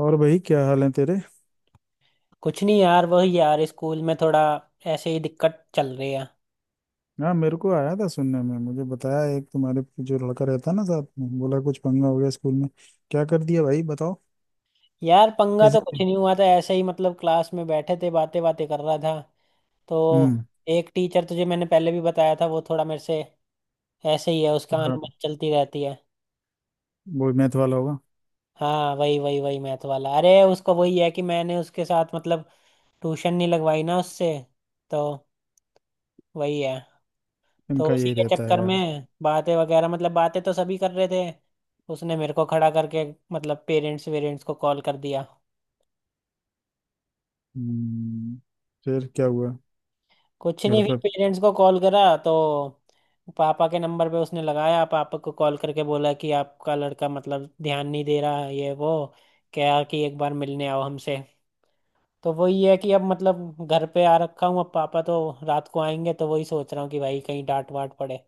और भाई क्या हाल है तेरे? कुछ नहीं यार, वही यार स्कूल में थोड़ा ऐसे ही दिक्कत चल रही है। हाँ, मेरे को आया था सुनने में, मुझे बताया एक तुम्हारे जो लड़का रहता है ना साथ में, बोला कुछ पंगा हो गया स्कूल में। क्या कर दिया भाई, बताओ। यार पंगा तो कुछ ऐसे? नहीं हुआ था, ऐसे ही मतलब क्लास में बैठे थे, बातें बातें कर रहा था तो हम्म। एक टीचर, तुझे मैंने पहले भी बताया था, वो थोड़ा मेरे से ऐसे ही है, उसका हाँ, अनुमति चलती रहती है। वो मैथ वाला होगा। हाँ वही वही वही मैथ वाला। अरे उसको वही है कि मैंने उसके साथ मतलब ट्यूशन नहीं लगवाई ना उससे, तो वही है। तो इनका उसी यही के रहता है चक्कर यार। में बातें वगैरह, मतलब बातें तो सभी कर रहे थे, उसने मेरे को खड़ा करके मतलब पेरेंट्स वेरेंट्स को कॉल कर दिया। हम्म, फिर क्या हुआ? कुछ घर नहीं, पे? फिर पेरेंट्स को कॉल करा तो पापा के नंबर पे उसने लगाया, पापा को कॉल करके बोला कि आपका लड़का मतलब ध्यान नहीं दे रहा है, ये वो क्या कि एक बार मिलने आओ हमसे। तो वही है कि अब मतलब घर पे आ रखा हूँ, अब पापा तो रात को आएंगे तो वही सोच रहा हूँ कि भाई कहीं डांट वाट पड़े।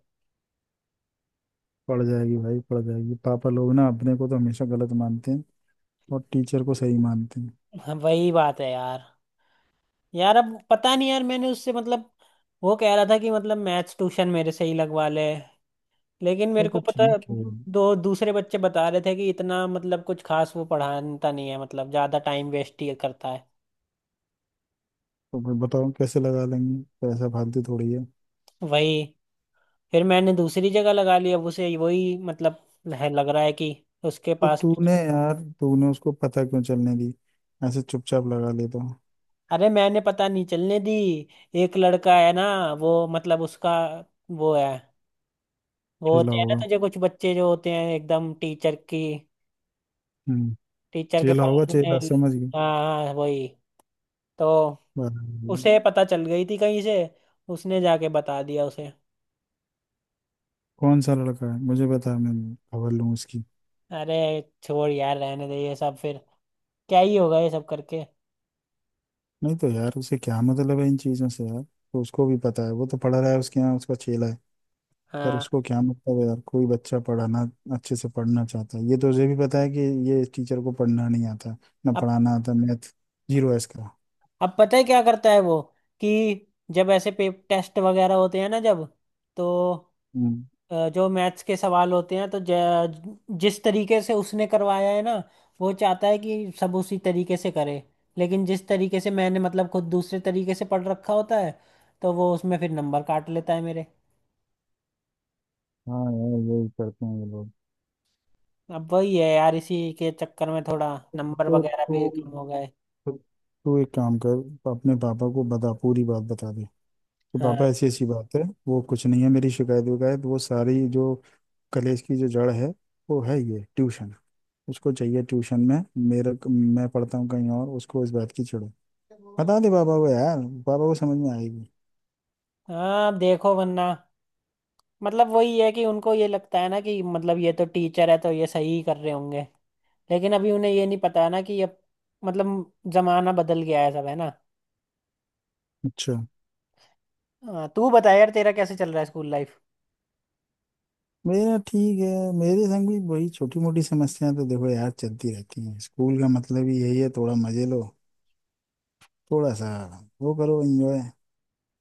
पड़ जाएगी भाई, पड़ जाएगी। पापा लोग ना अपने को तो हमेशा गलत मानते हैं और टीचर को सही मानते हैं। हाँ, वही बात है यार। यार अब पता नहीं, यार मैंने उससे मतलब वो कह रहा था कि मतलब मैथ्स ट्यूशन मेरे से ही लगवा ले, लेकिन वो मेरे को तो पता ठीक है। दो दूसरे बच्चे बता रहे थे कि इतना मतलब कुछ खास वो पढ़ाता नहीं है, मतलब ज्यादा टाइम वेस्ट ही करता है। तो फिर बताओ कैसे लगा लेंगे, पैसा फालतू थोड़ी है। वही। फिर मैंने दूसरी जगह लगा लिया, अब उसे वही मतलब है, लग रहा है कि उसके तो पास तो, तूने यार तूने उसको पता क्यों चलने दी? ऐसे चुपचाप लगा ले तो। अरे मैंने पता नहीं चलने दी। एक लड़का है ना, वो मतलब उसका वो है, वो चेला होते हैं ना होगा। तुझे कुछ बच्चे जो होते हैं एकदम टीचर की, हम्म। टीचर के चेला होगा, पलड़ों चेला, में। समझ गई। हाँ हाँ, वही। तो बराबर। उसे पता चल गई थी कहीं से, उसने जाके बता दिया उसे। कौन सा लड़का है मुझे बता, मैं खबर लूँ उसकी। अरे छोड़ यार, रहने दे ये सब, फिर क्या ही होगा ये सब करके। नहीं तो यार उसे क्या मतलब है इन चीज़ों से, यार तो उसको भी पता है, वो तो पढ़ रहा है उसके यहाँ, उसका चेला है। पर हाँ। उसको क्या मतलब है यार, कोई बच्चा पढ़ाना अच्छे से पढ़ना चाहता है, ये तो उसे भी पता है कि ये इस टीचर को पढ़ना नहीं आता, ना अब पढ़ाना आता मैथ, जीरो है इसका। अब पता है क्या करता है वो कि जब ऐसे पे टेस्ट वगैरह होते हैं ना जब, तो हम्म। जो मैथ्स के सवाल होते हैं तो जिस तरीके से उसने करवाया है ना, वो चाहता है कि सब उसी तरीके से करे। लेकिन जिस तरीके से मैंने मतलब खुद दूसरे तरीके से पढ़ रखा होता है तो वो उसमें फिर नंबर काट लेता है मेरे। हाँ यार, यही करते हैं ये लोग। अब वही है यार, इसी के चक्कर में थोड़ा तो नंबर वगैरह भी तू कम हो गए। तो तू एक काम कर, अपने पापा को बता, पूरी बात बता दे कि पापा हाँ। ऐसी ऐसी बात है, वो कुछ नहीं है, मेरी शिकायत विकायत, वो सारी जो कलेश की जो जड़ है वो है ये ट्यूशन। उसको चाहिए ट्यूशन में मेरा, मैं पढ़ता हूँ कहीं और, उसको इस बात की चिढ़ है। बता दे पापा को यार, पापा को समझ में आएगी। हाँ अब देखो वरना मतलब वही है कि उनको ये लगता है ना कि मतलब ये तो टीचर है तो ये सही ही कर रहे होंगे, लेकिन अभी उन्हें ये नहीं पता ना कि अब मतलब जमाना बदल गया है, सब है ना। अच्छा। हाँ, तू बता यार तेरा कैसे चल रहा है स्कूल लाइफ। मेरा ठीक है। मेरे संग भी वही छोटी मोटी समस्याएं तो देखो यार चलती रहती हैं, स्कूल का मतलब ही यही है, थोड़ा मजे लो, थोड़ा सा वो करो, एंजॉय।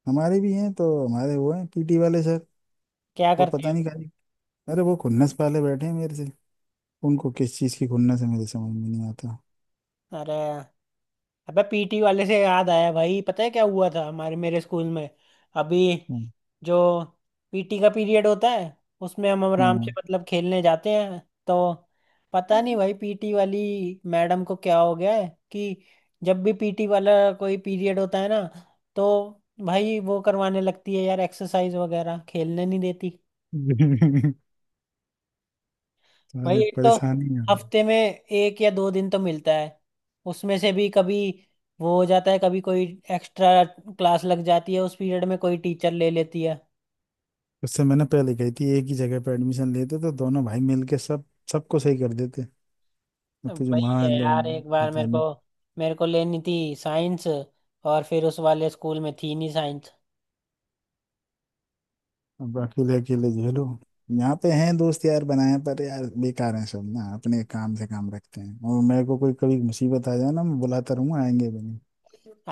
हमारे भी हैं, तो हमारे वो हैं पीटी वाले सर। क्या वो करते पता हैं? नहीं खाली, अरे वो खुन्नस पाले बैठे हैं मेरे से, उनको किस चीज़ की खुन्नस है मेरे समझ में नहीं आता। अरे, अबे पीटी वाले से याद आया भाई, पता है क्या हुआ था हमारे मेरे स्कूल में अभी। हम्म, जो पीटी का पीरियड होता है उसमें हम आराम से हाँ। मतलब खेलने जाते हैं। तो पता नहीं भाई पीटी वाली मैडम को क्या हो गया है कि जब भी पीटी वाला कोई पीरियड होता है ना तो भाई वो करवाने लगती है यार एक्सरसाइज वगैरह, खेलने नहीं देती। भाई सारे एक तो परेशानी है। हफ्ते में एक या दो दिन तो मिलता है, उसमें से भी कभी वो हो जाता है, कभी कोई एक्स्ट्रा क्लास लग जाती है उस पीरियड में, कोई टीचर ले लेती है। उससे मैंने पहले कही थी एक ही जगह पे एडमिशन लेते तो दोनों भाई मिलके सब, सबको सही कर देते। अब तुझे वही वहाँ है यार, एक बार पता मेरे को, नहीं। मेरे को लेनी थी साइंस और फिर उस वाले स्कूल में थी नहीं साइंस। अब अकेले अकेले झेलो। यहाँ पे हैं दोस्त यार बनाए, पर यार बेकार हैं सब ना, अपने काम से काम रखते हैं, और मेरे को कोई कभी मुसीबत आ जाए ना, मैं बुलाता रहूंगा आएंगे भी नहीं।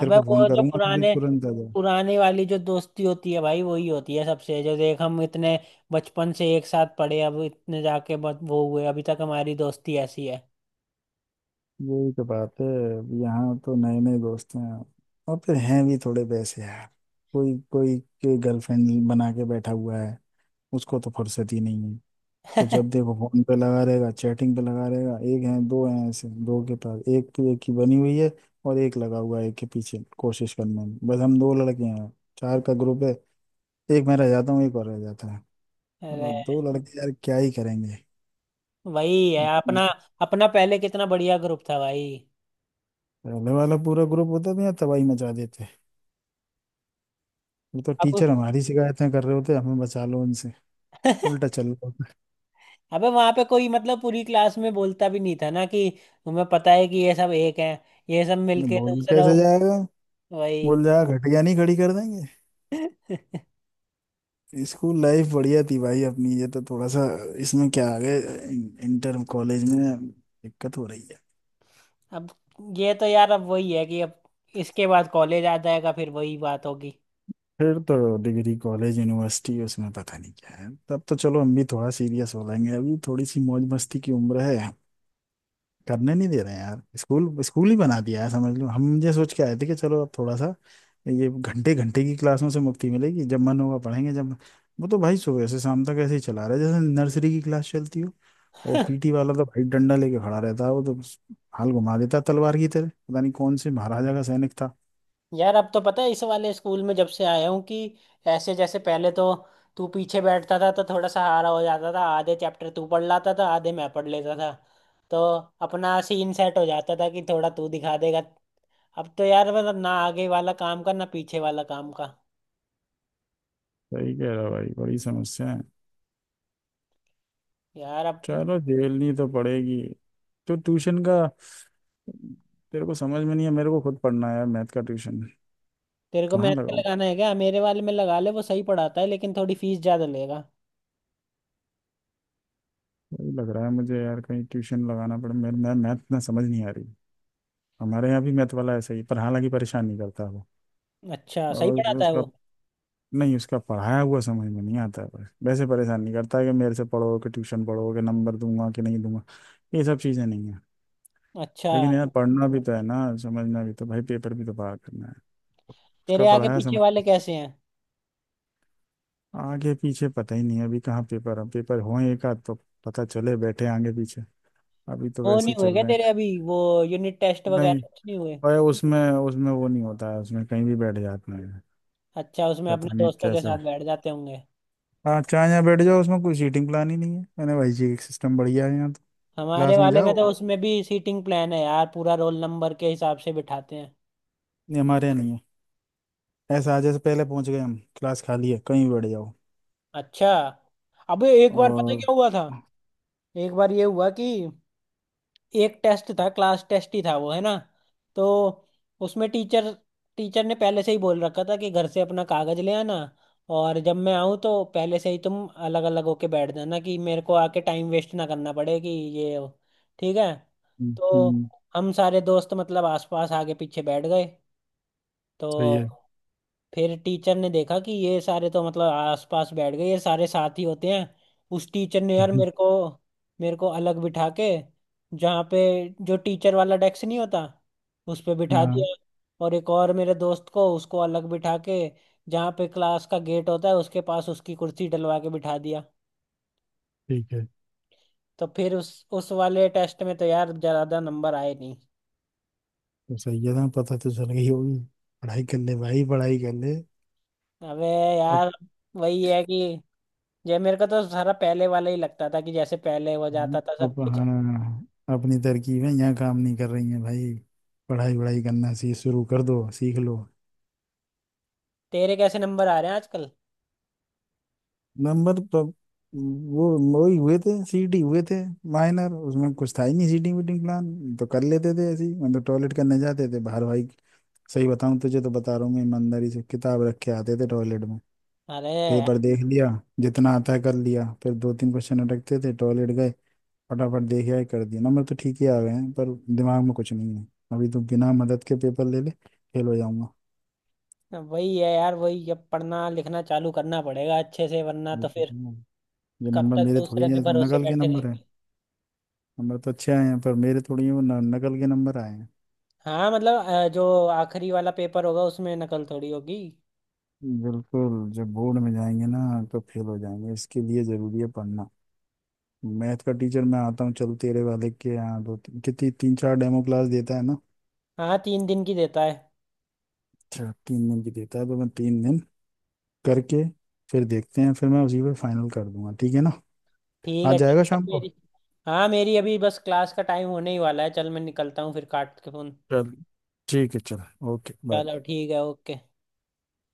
तेरे को फोन वो जो करूंगा कभी, पुराने तुरंत आ जाओ। पुराने वाली जो दोस्ती होती है भाई वही होती है सबसे, जो देख हम इतने बचपन से एक साथ पढ़े, अब इतने जाके बहुत वो हुए अभी तक हमारी दोस्ती ऐसी है। यही तो बात है। अब यहाँ तो नए नए दोस्त हैं, और फिर हैं भी थोड़े वैसे यार, कोई कोई के गर्लफ्रेंड बना के बैठा हुआ है, उसको तो फुर्सत ही नहीं है, उसको जब देखो फोन पे लगा रहेगा, चैटिंग पे लगा रहेगा। एक है, दो हैं ऐसे, दो के पास एक तो एक की बनी हुई है, और एक लगा हुआ है एक के पीछे कोशिश करने में। बस हम दो लड़के हैं, चार का ग्रुप है, एक मैं रह जाता हूँ, एक और रह जाता है। अरे अब दो लड़के यार क्या ही करेंगे। वही है अपना। अपना पहले कितना बढ़िया ग्रुप था भाई। पहले वाला पूरा ग्रुप होता था यार, तबाही मचा देते। वो तो टीचर अब हमारी शिकायतें कर रहे होते हमें बचा लो उनसे। उल्टा चल रहा होता अबे वहां पे कोई मतलब पूरी क्लास में बोलता भी नहीं था ना कि तुम्हें पता है कि ये सब एक हैं, ये सब है। मिलके बोल दूसरा, कैसे जाएगा, वही। बोल जाएगा, घटिया नहीं खड़ी कर देंगे। स्कूल लाइफ बढ़िया थी भाई अपनी, ये तो थोड़ा सा इसमें क्या आ गए, इंटर कॉलेज में दिक्कत हो रही है। अब ये तो यार अब वही है कि अब इसके बाद कॉलेज आ जाएगा फिर वही बात होगी। फिर तो डिग्री कॉलेज यूनिवर्सिटी, उसमें पता नहीं क्या है, तब तो चलो हम भी थोड़ा सीरियस हो लेंगे, अभी थोड़ी सी मौज मस्ती की उम्र है, करने नहीं दे रहे हैं यार। स्कूल स्कूल ही बना दिया है समझ लो, हम ये सोच के आए थे कि चलो अब थोड़ा सा ये घंटे घंटे की क्लासों से मुक्ति मिलेगी, जब मन होगा पढ़ेंगे, जब वो तो भाई सुबह से शाम तक ऐसे ही चला रहा है जैसे नर्सरी की क्लास चलती हो। और पीटी वाला तो भाई डंडा लेके खड़ा रहता है, वो तो हाल घुमा देता है तलवार की तरह, पता नहीं कौन से महाराजा का सैनिक था। यार अब तो पता है इस वाले स्कूल में जब से आया हूँ कि ऐसे जैसे पहले तो तू पीछे बैठता था तो थोड़ा सहारा हो जाता था, आधे चैप्टर तू पढ़ लाता था आधे मैं पढ़ लेता तो अपना सीन सेट हो जाता था कि थोड़ा तू दिखा देगा। अब तो यार मतलब ना आगे वाला काम का ना पीछे वाला काम का। सही कह रहा भाई, बड़ी समस्या है। यार अब चलो झेलनी तो पड़ेगी। तो ट्यूशन का तेरे को समझ में नहीं है, मेरे को खुद पढ़ना है यार मैथ का ट्यूशन। तेरे को कहाँ मेहनत का लगाऊं? लगाना है क्या? मेरे वाले में लगा ले, वो सही पढ़ाता है लेकिन थोड़ी फीस ज्यादा लेगा। वही लग रहा है मुझे यार, कहीं ट्यूशन लगाना पड़े, मैं मैथ ना समझ नहीं आ रही। हमारे यहाँ भी मैथ वाला ऐसा ही है, पर हालांकि परेशान नहीं करता वो। अच्छा सही और पढ़ाता है वो। उसका नहीं, उसका पढ़ाया हुआ समझ में नहीं आता है बस, वैसे परेशान नहीं करता है कि मेरे से पढ़ो कि ट्यूशन पढ़ो कि नंबर दूंगा कि नहीं दूंगा, ये सब चीज़ें नहीं है। अच्छा लेकिन यार पढ़ना भी तो है ना, समझना भी तो भाई, पेपर भी तो पार करना है। उसका तेरे आगे पढ़ाया पीछे समझ वाले कैसे हैं? आगे पीछे पता ही नहीं है, अभी कहाँ पेपर है, पेपर हो एक आध तो पता चले बैठे आगे पीछे। अभी तो वो वैसे नहीं ही हुए चल क्या रहे हैं। तेरे अभी वो यूनिट टेस्ट नहीं वगैरह कुछ नहीं हुए? भाई, उसमें उसमें वो नहीं होता है, उसमें कहीं भी बैठ जाते हैं। अच्छा, उसमें अपने पता नहीं दोस्तों के कैसे। साथ बैठ जाते होंगे। हाँ चाहे यहाँ बैठ जाओ, उसमें कोई सीटिंग प्लान ही नहीं है मैंने भाई जी, एक सिस्टम बढ़िया है यहाँ तो। हमारे क्लास में वाले में जाओ। तो उसमें भी सीटिंग प्लान है यार, पूरा रोल नंबर के हिसाब से बिठाते हैं। नहीं हमारे यहाँ नहीं है ऐसा, आज से पहले पहुंच गए हम, क्लास खाली है, कहीं भी बैठ जाओ। अच्छा। अबे एक बार पता है और? क्या हुआ था? हम्म। एक बार ये हुआ कि एक टेस्ट था, क्लास टेस्ट ही था वो है ना, तो उसमें टीचर टीचर ने पहले से ही बोल रखा था कि घर से अपना कागज ले आना, और जब मैं आऊँ तो पहले से ही तुम अलग अलग होके बैठ जाना कि मेरे को आके टाइम वेस्ट ना करना पड़े कि ये वो। ठीक है, तो हम्म, हम सारे दोस्त मतलब आसपास आगे पीछे बैठ गए सही तो है। फिर टीचर ने देखा कि ये सारे तो मतलब आसपास बैठ गए, ये सारे साथ ही होते हैं। उस टीचर ने यार हम्म, मेरे को, अलग बिठा के, जहाँ पे जो टीचर वाला डेस्क नहीं होता उस पे बिठा हाँ दिया, और एक और मेरे दोस्त को उसको अलग बिठा के, जहाँ पे क्लास का गेट होता है उसके पास उसकी कुर्सी डलवा के बिठा दिया। ठीक है। तो फिर उस वाले टेस्ट में तो यार ज़्यादा नंबर आए नहीं। तो सही है ना, पता तो चल गई होगी। पढ़ाई कर ले भाई, पढ़ाई कर ले। अबे अब यार वही है कि ये मेरे को तो सारा पहले वाला ही लगता था कि जैसे पहले हो जाता था सब अब कुछ। हाँ अपनी तरकीब है यहाँ काम नहीं कर रही है भाई। पढ़ाई वढ़ाई करना सी शुरू कर दो, सीख लो। तेरे कैसे नंबर आ रहे हैं आजकल? नंबर तो वो वही हुए थे, सीटी हुए थे, माइनर। उसमें कुछ था ही नहीं, सीटिंग वीटिंग प्लान तो कर लेते थे ऐसे ही, मतलब टॉयलेट करने जाते थे बाहर भाई। सही बताऊं तुझे, तो बता रहा हूँ मैं ईमानदारी से, किताब रख के आते थे टॉयलेट में, अरे पेपर देख लिया, जितना आता है कर लिया, फिर दो तीन क्वेश्चन अटकते थे, टॉयलेट गए फटाफट देख यार कर दिया। नंबर तो ठीक ही आ गए हैं, पर दिमाग में कुछ नहीं है, अभी तो बिना मदद के पेपर ले ले फेल हो जाऊंगा। वही है यार, वही। अब पढ़ना लिखना चालू करना पड़ेगा अच्छे से वरना ये तो तो फिर है। ये कब नंबर तक मेरे थोड़ी दूसरे है, के भरोसे नकल के बैठे नंबर है। रहेंगे। नंबर तो अच्छे आए हैं पर मेरे थोड़ी हैं वो, नकल के नंबर आए हैं। हाँ मतलब जो आखिरी वाला पेपर होगा उसमें नकल थोड़ी होगी। बिल्कुल जब बोर्ड में जाएंगे ना तो फेल हो जाएंगे, इसके लिए जरूरी है पढ़ना। मैथ का टीचर, मैं आता हूँ चल तेरे वाले के यहाँ, दो तीन, कितनी, तीन चार डेमो क्लास देता है ना? हाँ 3 दिन की देता है। अच्छा 3 दिन की देता है, तो मैं 3 दिन करके फिर देखते हैं, फिर मैं उसी पर फाइनल कर दूंगा, ठीक है ना। ठीक आज है चल जाएगा यार, शाम को। मेरी, हाँ मेरी अभी बस क्लास का टाइम होने ही वाला है, चल मैं निकलता हूँ फिर, काट के फोन। चल ठीक है, चल। Okay, bye. चलो ठीक है, ओके।